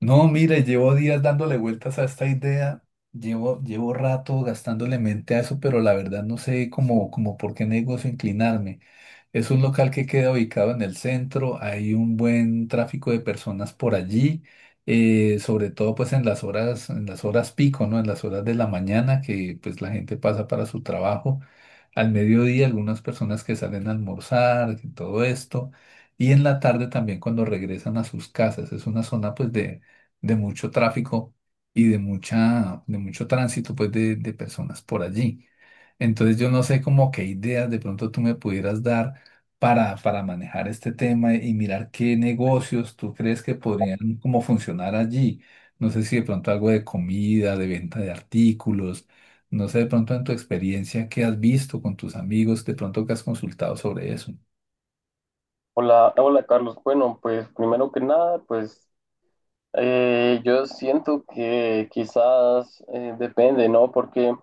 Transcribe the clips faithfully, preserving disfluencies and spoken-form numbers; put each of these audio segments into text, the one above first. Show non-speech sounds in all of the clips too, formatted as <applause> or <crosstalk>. No, mire, llevo días dándole vueltas a esta idea, llevo, llevo rato gastándole mente a eso, pero la verdad no sé cómo, cómo, por qué negocio inclinarme. Es un local que queda ubicado en el centro, hay un buen tráfico de personas por allí, eh, sobre todo pues en las horas, en las horas pico, ¿no? En las horas de la mañana que pues la gente pasa para su trabajo, al mediodía, algunas personas que salen a almorzar, y todo esto, y en la tarde también cuando regresan a sus casas. Es una zona pues de, de mucho tráfico y de mucha, de mucho tránsito pues de, de personas por allí. Entonces yo no sé como qué ideas de pronto tú me pudieras dar para, para manejar este tema y mirar qué negocios tú crees que podrían como funcionar allí. No sé si de pronto algo de comida, de venta de artículos, no sé de pronto en tu experiencia qué has visto con tus amigos, de pronto que has consultado sobre eso. Hola, hola Carlos. Bueno, pues primero que nada, pues eh, yo siento que quizás eh, depende, ¿no? Porque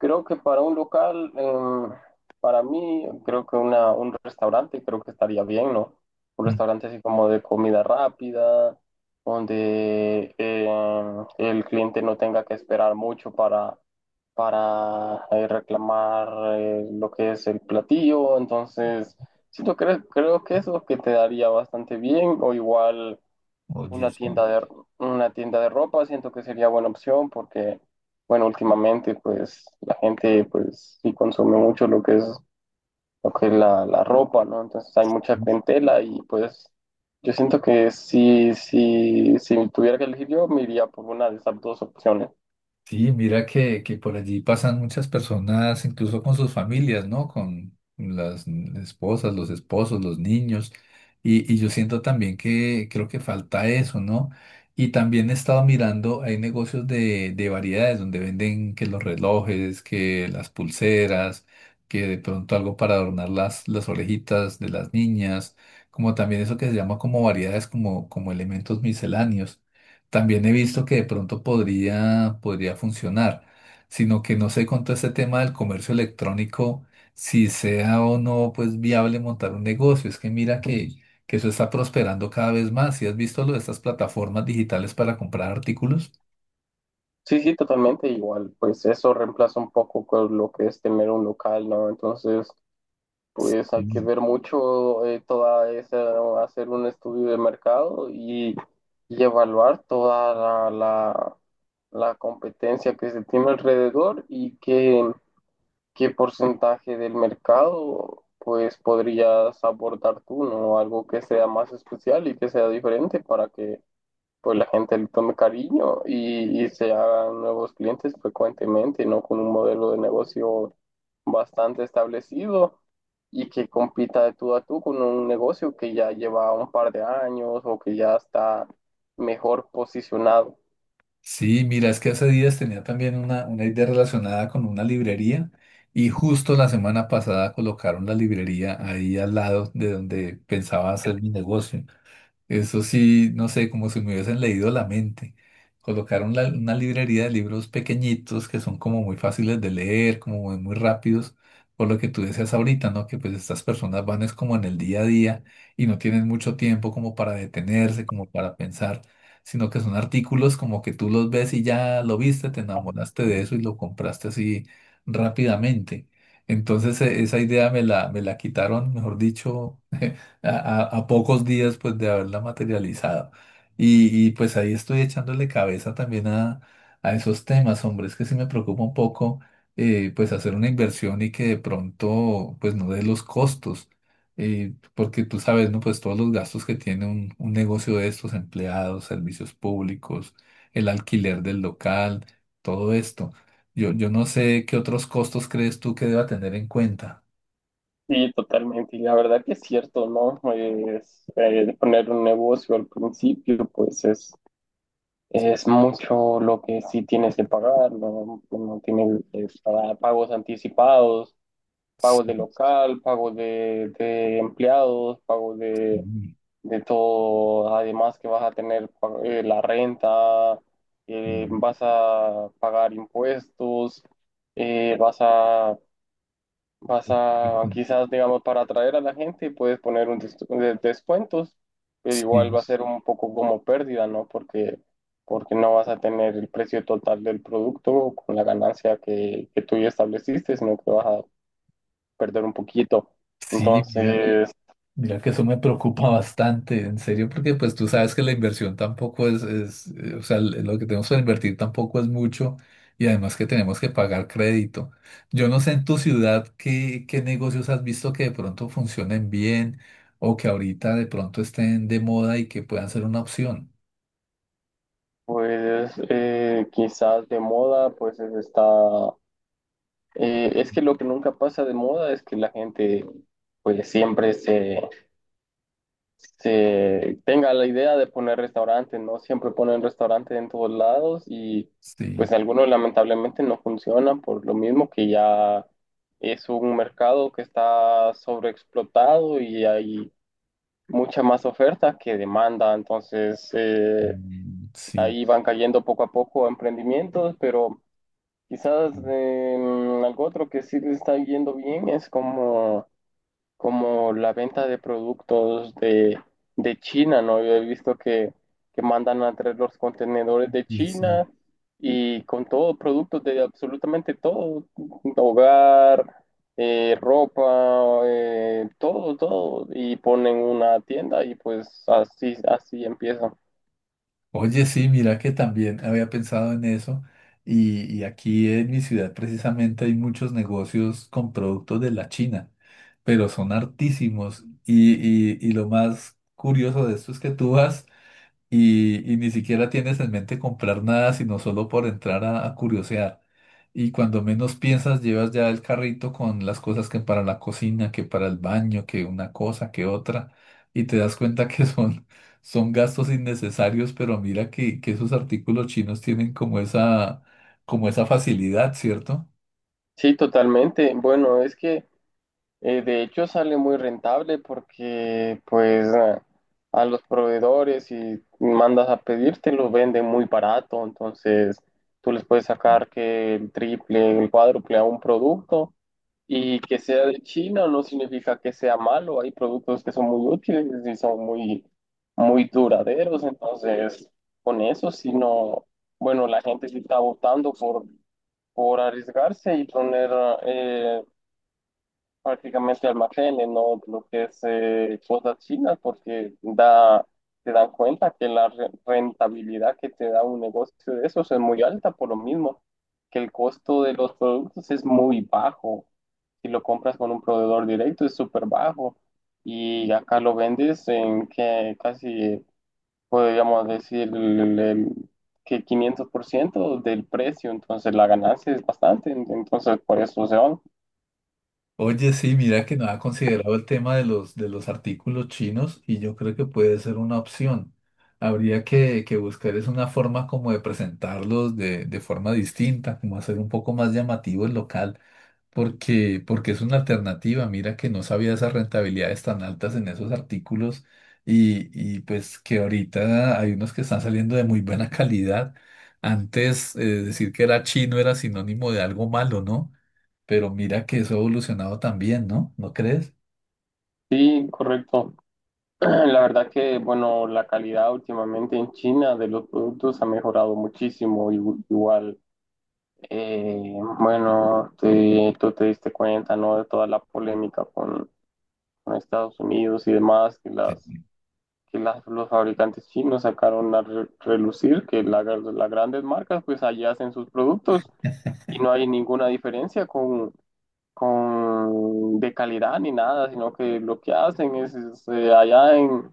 Creo que para un local, em, para mí, creo que una, un restaurante, creo que estaría bien, ¿no? Un Mm. restaurante así como de comida rápida, donde em, el cliente no tenga que esperar mucho para, para eh, reclamar eh, lo que es el platillo. Entonces, sí, yo creo, creo que eso que te daría bastante bien, o igual Oye, una sí. tienda de, una tienda de ropa, siento que sería buena opción porque, bueno, últimamente pues la gente pues sí consume mucho lo que es, lo que es la, la ropa, ¿no? Entonces hay mucha clientela y pues yo siento que si, si, si tuviera que elegir yo, me iría por una de esas dos opciones. Sí, mira que, que por allí pasan muchas personas, incluso con sus familias, ¿no? Con las esposas, los esposos, los niños. Y, y yo siento también que creo que falta eso, ¿no? Y también he estado mirando, hay negocios de, de variedades donde venden que los relojes, que las pulseras, que de pronto algo para adornar las, las orejitas de las niñas, como también eso que se llama como variedades, como, como elementos misceláneos. También he visto que de pronto podría, podría funcionar, sino que no sé con todo este tema del comercio electrónico, si sea o no pues viable montar un negocio. Es que mira que, que eso está prosperando cada vez más. ¿Sí has visto lo de estas plataformas digitales para comprar artículos? Sí, sí, totalmente igual, pues eso reemplaza un poco con lo que es tener un local, ¿no? Entonces... pues hay que Mm. ver mucho eh, toda esa, hacer un estudio de mercado y, y evaluar toda la, la- la competencia que se tiene alrededor y qué, qué porcentaje del mercado pues podrías abordar tú, ¿no? Algo que sea más especial y que sea diferente para que pues la gente le tome cariño y, y se hagan nuevos clientes frecuentemente, ¿no? Con un modelo de negocio bastante establecido y que compita de tú a tú con un negocio que ya lleva un par de años o que ya está mejor posicionado. Sí, mira, es que hace días tenía también una, una idea relacionada con una librería y justo la semana pasada colocaron la librería ahí al lado de donde pensaba hacer mi negocio. Eso sí, no sé, como si me hubiesen leído la mente. Colocaron la- una librería de libros pequeñitos que son como muy fáciles de leer, como muy, muy rápidos, por lo que tú decías ahorita, ¿no? Que pues estas personas van es como en el día a día y no tienen mucho tiempo como para detenerse, como para pensar, sino que son artículos como que tú los ves y ya lo viste, te enamoraste de eso y lo compraste así rápidamente. Entonces, e- esa idea me la, me la quitaron, mejor dicho, a, a- a pocos días pues de haberla materializado. Y, y, pues ahí estoy echándole cabeza también a, a esos temas, hombre, es que sí me preocupa un poco, eh, pues hacer una inversión y que de pronto pues no dé los costos, eh, porque tú sabes, ¿no? Pues todos los gastos que tiene un, un negocio de estos, empleados, servicios públicos, el alquiler del local, todo esto. Yo, yo no sé qué otros costos crees tú que deba tener en cuenta. Sí, totalmente. Y la verdad que es cierto, ¿no? Es, eh, poner un negocio al principio, pues es, es mucho lo que sí tienes que pagar, ¿no? Uno tiene que pagar pagos anticipados, pagos de local, pagos de, de empleados, pagos de, Sí, de todo, además que vas a tener pa- eh, la renta, eh, vas a pagar impuestos, eh, vas a, vas a, sí, quizás, digamos, para atraer a la gente, puedes poner un des- de- descuentos, pero igual sí. va a ser un poco como pérdida, ¿no? Porque, porque no vas a tener el precio total del producto con la ganancia que, que tú ya estableciste, sino que vas a perder un poquito. Sí, mira, Entonces, mira que eso me preocupa <laughs> bastante, en serio, porque pues tú sabes que la inversión tampoco es, es, eh, o sea, l- lo que tenemos para invertir tampoco es mucho y además que tenemos que pagar crédito. Yo no sé en tu ciudad qué, qué negocios has visto que de pronto funcionen bien o que ahorita de pronto estén de moda y que puedan ser una opción. pues eh, quizás de moda, pues es- está. Eh, es que lo que nunca pasa de moda es que la gente pues siempre se, se tenga la idea de poner restaurante, ¿no? Siempre ponen restaurante en todos lados y Sí, pues algunos lamentablemente no funcionan por lo mismo que ya es un mercado que está sobreexplotado y hay mucha más oferta que demanda, entonces... eh, mm, sí, Ahí van cayendo poco a poco emprendimientos, pero quizás em, algo otro que sí le está yendo bien es como, como la venta de productos de, de China, ¿no? Yo he visto que, que mandan a traer los contenedores de sí, sí. China y con todos productos de absolutamente todo, hogar, eh, ropa, eh, todo, todo, y ponen una tienda y pues así, así empiezan. Oye, sí, mira que también había pensado en eso y, y aquí en mi ciudad precisamente hay muchos negocios con productos de la China, pero son hartísimos y, y- y lo más curioso de esto es que tú vas y, y ni siquiera tienes en mente comprar nada, sino solo por entrar a, a curiosear. Y cuando menos piensas, llevas ya el carrito con las cosas que para la cocina, que para el baño, que una cosa, que otra, y te das cuenta que <laughs> son, son gastos innecesarios, pero mira que, que esos artículos chinos tienen como esa, como esa facilidad, ¿cierto? Sí, totalmente. Bueno, es que eh, de hecho sale muy rentable porque pues a, a los proveedores si mandas a pedir te los venden muy barato, entonces tú les puedes sacar que el triple, el cuádruple a un producto, y que sea de China no significa que sea malo. Hay productos que son muy útiles y son muy, muy duraderos. Entonces, con eso, si no, bueno, la gente sí está votando por, por arriesgarse y poner eh, prácticamente almacenes, ¿no? Lo que es eh, cosas chinas, porque da, se dan cuenta que la re- rentabilidad que te da un negocio de esos es muy alta, por lo mismo que el costo de los productos es muy bajo. Si lo compras con un proveedor directo es súper bajo. Y acá lo vendes en que casi, podríamos decir, el- el- que quinientos por ciento del precio, entonces la ganancia es bastante, entonces por eso se van. Oye, sí, mira que no había considerado el tema de los, de los artículos chinos y yo creo que puede ser una opción. Habría que, que buscar es una forma como de presentarlos de, de forma distinta, como hacer un poco más llamativo el local, porque, porque es una alternativa. Mira que no sabía esas rentabilidades tan altas en esos artículos y, y pues que ahorita hay unos que están saliendo de muy buena calidad. Antes, eh, decir que era chino era sinónimo de algo malo, ¿no? Pero mira que eso ha evolucionado también, ¿no? ¿No crees? Sí, correcto. La verdad que, bueno, la calidad últimamente en China de los productos ha mejorado muchísimo. y- Igual, eh, bueno, te- tú te diste cuenta, ¿no? De toda la polémica con, con Estados Unidos y demás, que Sí. las, que las, los fabricantes chinos sacaron a re- relucir, que la- las grandes marcas, pues allá hacen sus productos y no hay ninguna diferencia con, con de calidad ni nada, sino que lo que hacen es, es, eh, allá en,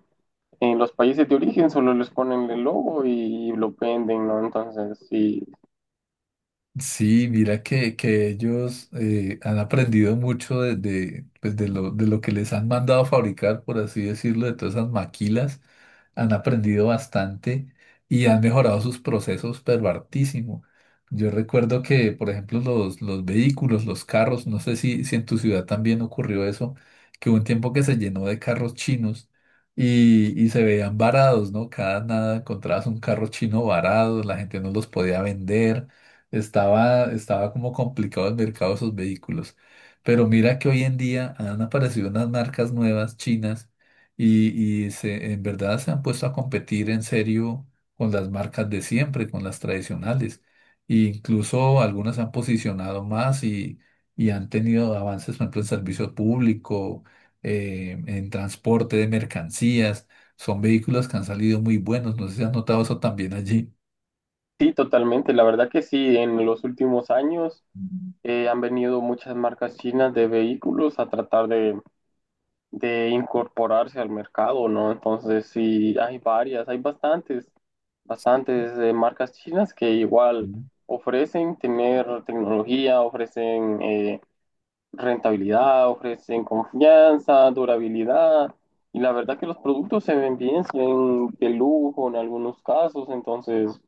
en los países de origen solo les ponen el logo y lo venden, ¿no? Entonces, sí, Sí, mira que, que ellos eh, han aprendido mucho de, de, pues de lo, de lo que les han mandado a fabricar, por así decirlo, de todas esas maquilas. Han aprendido bastante y han mejorado sus procesos, pero hartísimo. Yo recuerdo que, por ejemplo, los, los vehículos, los carros, no sé si, si en tu ciudad también ocurrió eso, que hubo un tiempo que se llenó de carros chinos y, y se veían varados, ¿no? Cada nada encontrabas un carro chino varado, la gente no los podía vender. Estaba, estaba como complicado el mercado de esos vehículos. Pero mira que hoy en día han aparecido unas marcas nuevas chinas y, y se, en verdad se han puesto a competir en serio con las marcas de siempre, con las tradicionales. E incluso algunas se han posicionado más y, y han tenido avances, por ejemplo, en servicio público, eh, en transporte de mercancías. Son vehículos que han salido muy buenos. No sé si has notado eso también allí. sí, totalmente. La verdad que sí, en los últimos años eh, han venido muchas marcas chinas de vehículos a tratar de, de incorporarse al mercado, ¿no? Entonces, sí, hay varias, hay bastantes, bastantes eh, marcas chinas que igual Mm. ofrecen tener tecnología, ofrecen... eh, rentabilidad, ofrecen confianza, durabilidad. Y la verdad que los productos se ven bien, se ven de lujo en algunos casos, entonces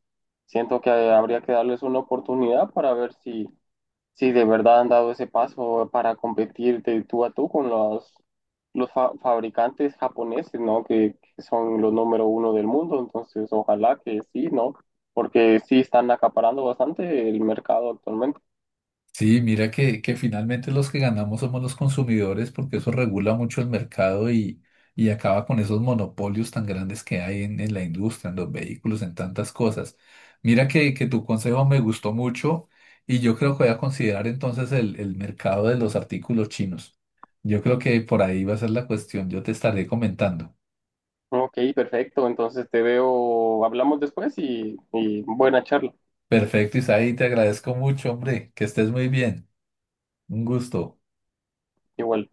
siento que habría que darles una oportunidad para ver si, si de verdad han dado ese paso para competir de tú a tú con los, los fa- fabricantes japoneses, ¿no? Que, que son los número uno del mundo, entonces ojalá que sí, ¿no? Porque sí están acaparando bastante el mercado actualmente. Sí, mira que, que finalmente los que ganamos somos los consumidores porque eso regula mucho el mercado y, y acaba con esos monopolios tan grandes que hay en, en la industria, en los vehículos, en tantas cosas. Mira que, que tu consejo me gustó mucho y yo creo que voy a considerar entonces el, el mercado de los artículos chinos. Yo creo que por ahí va a ser la cuestión, yo te estaré comentando. Ok, perfecto. Entonces te veo, hablamos después y, y buena charla. Perfecto, Isaí, te agradezco mucho, hombre, que estés muy bien. Un gusto. Igual.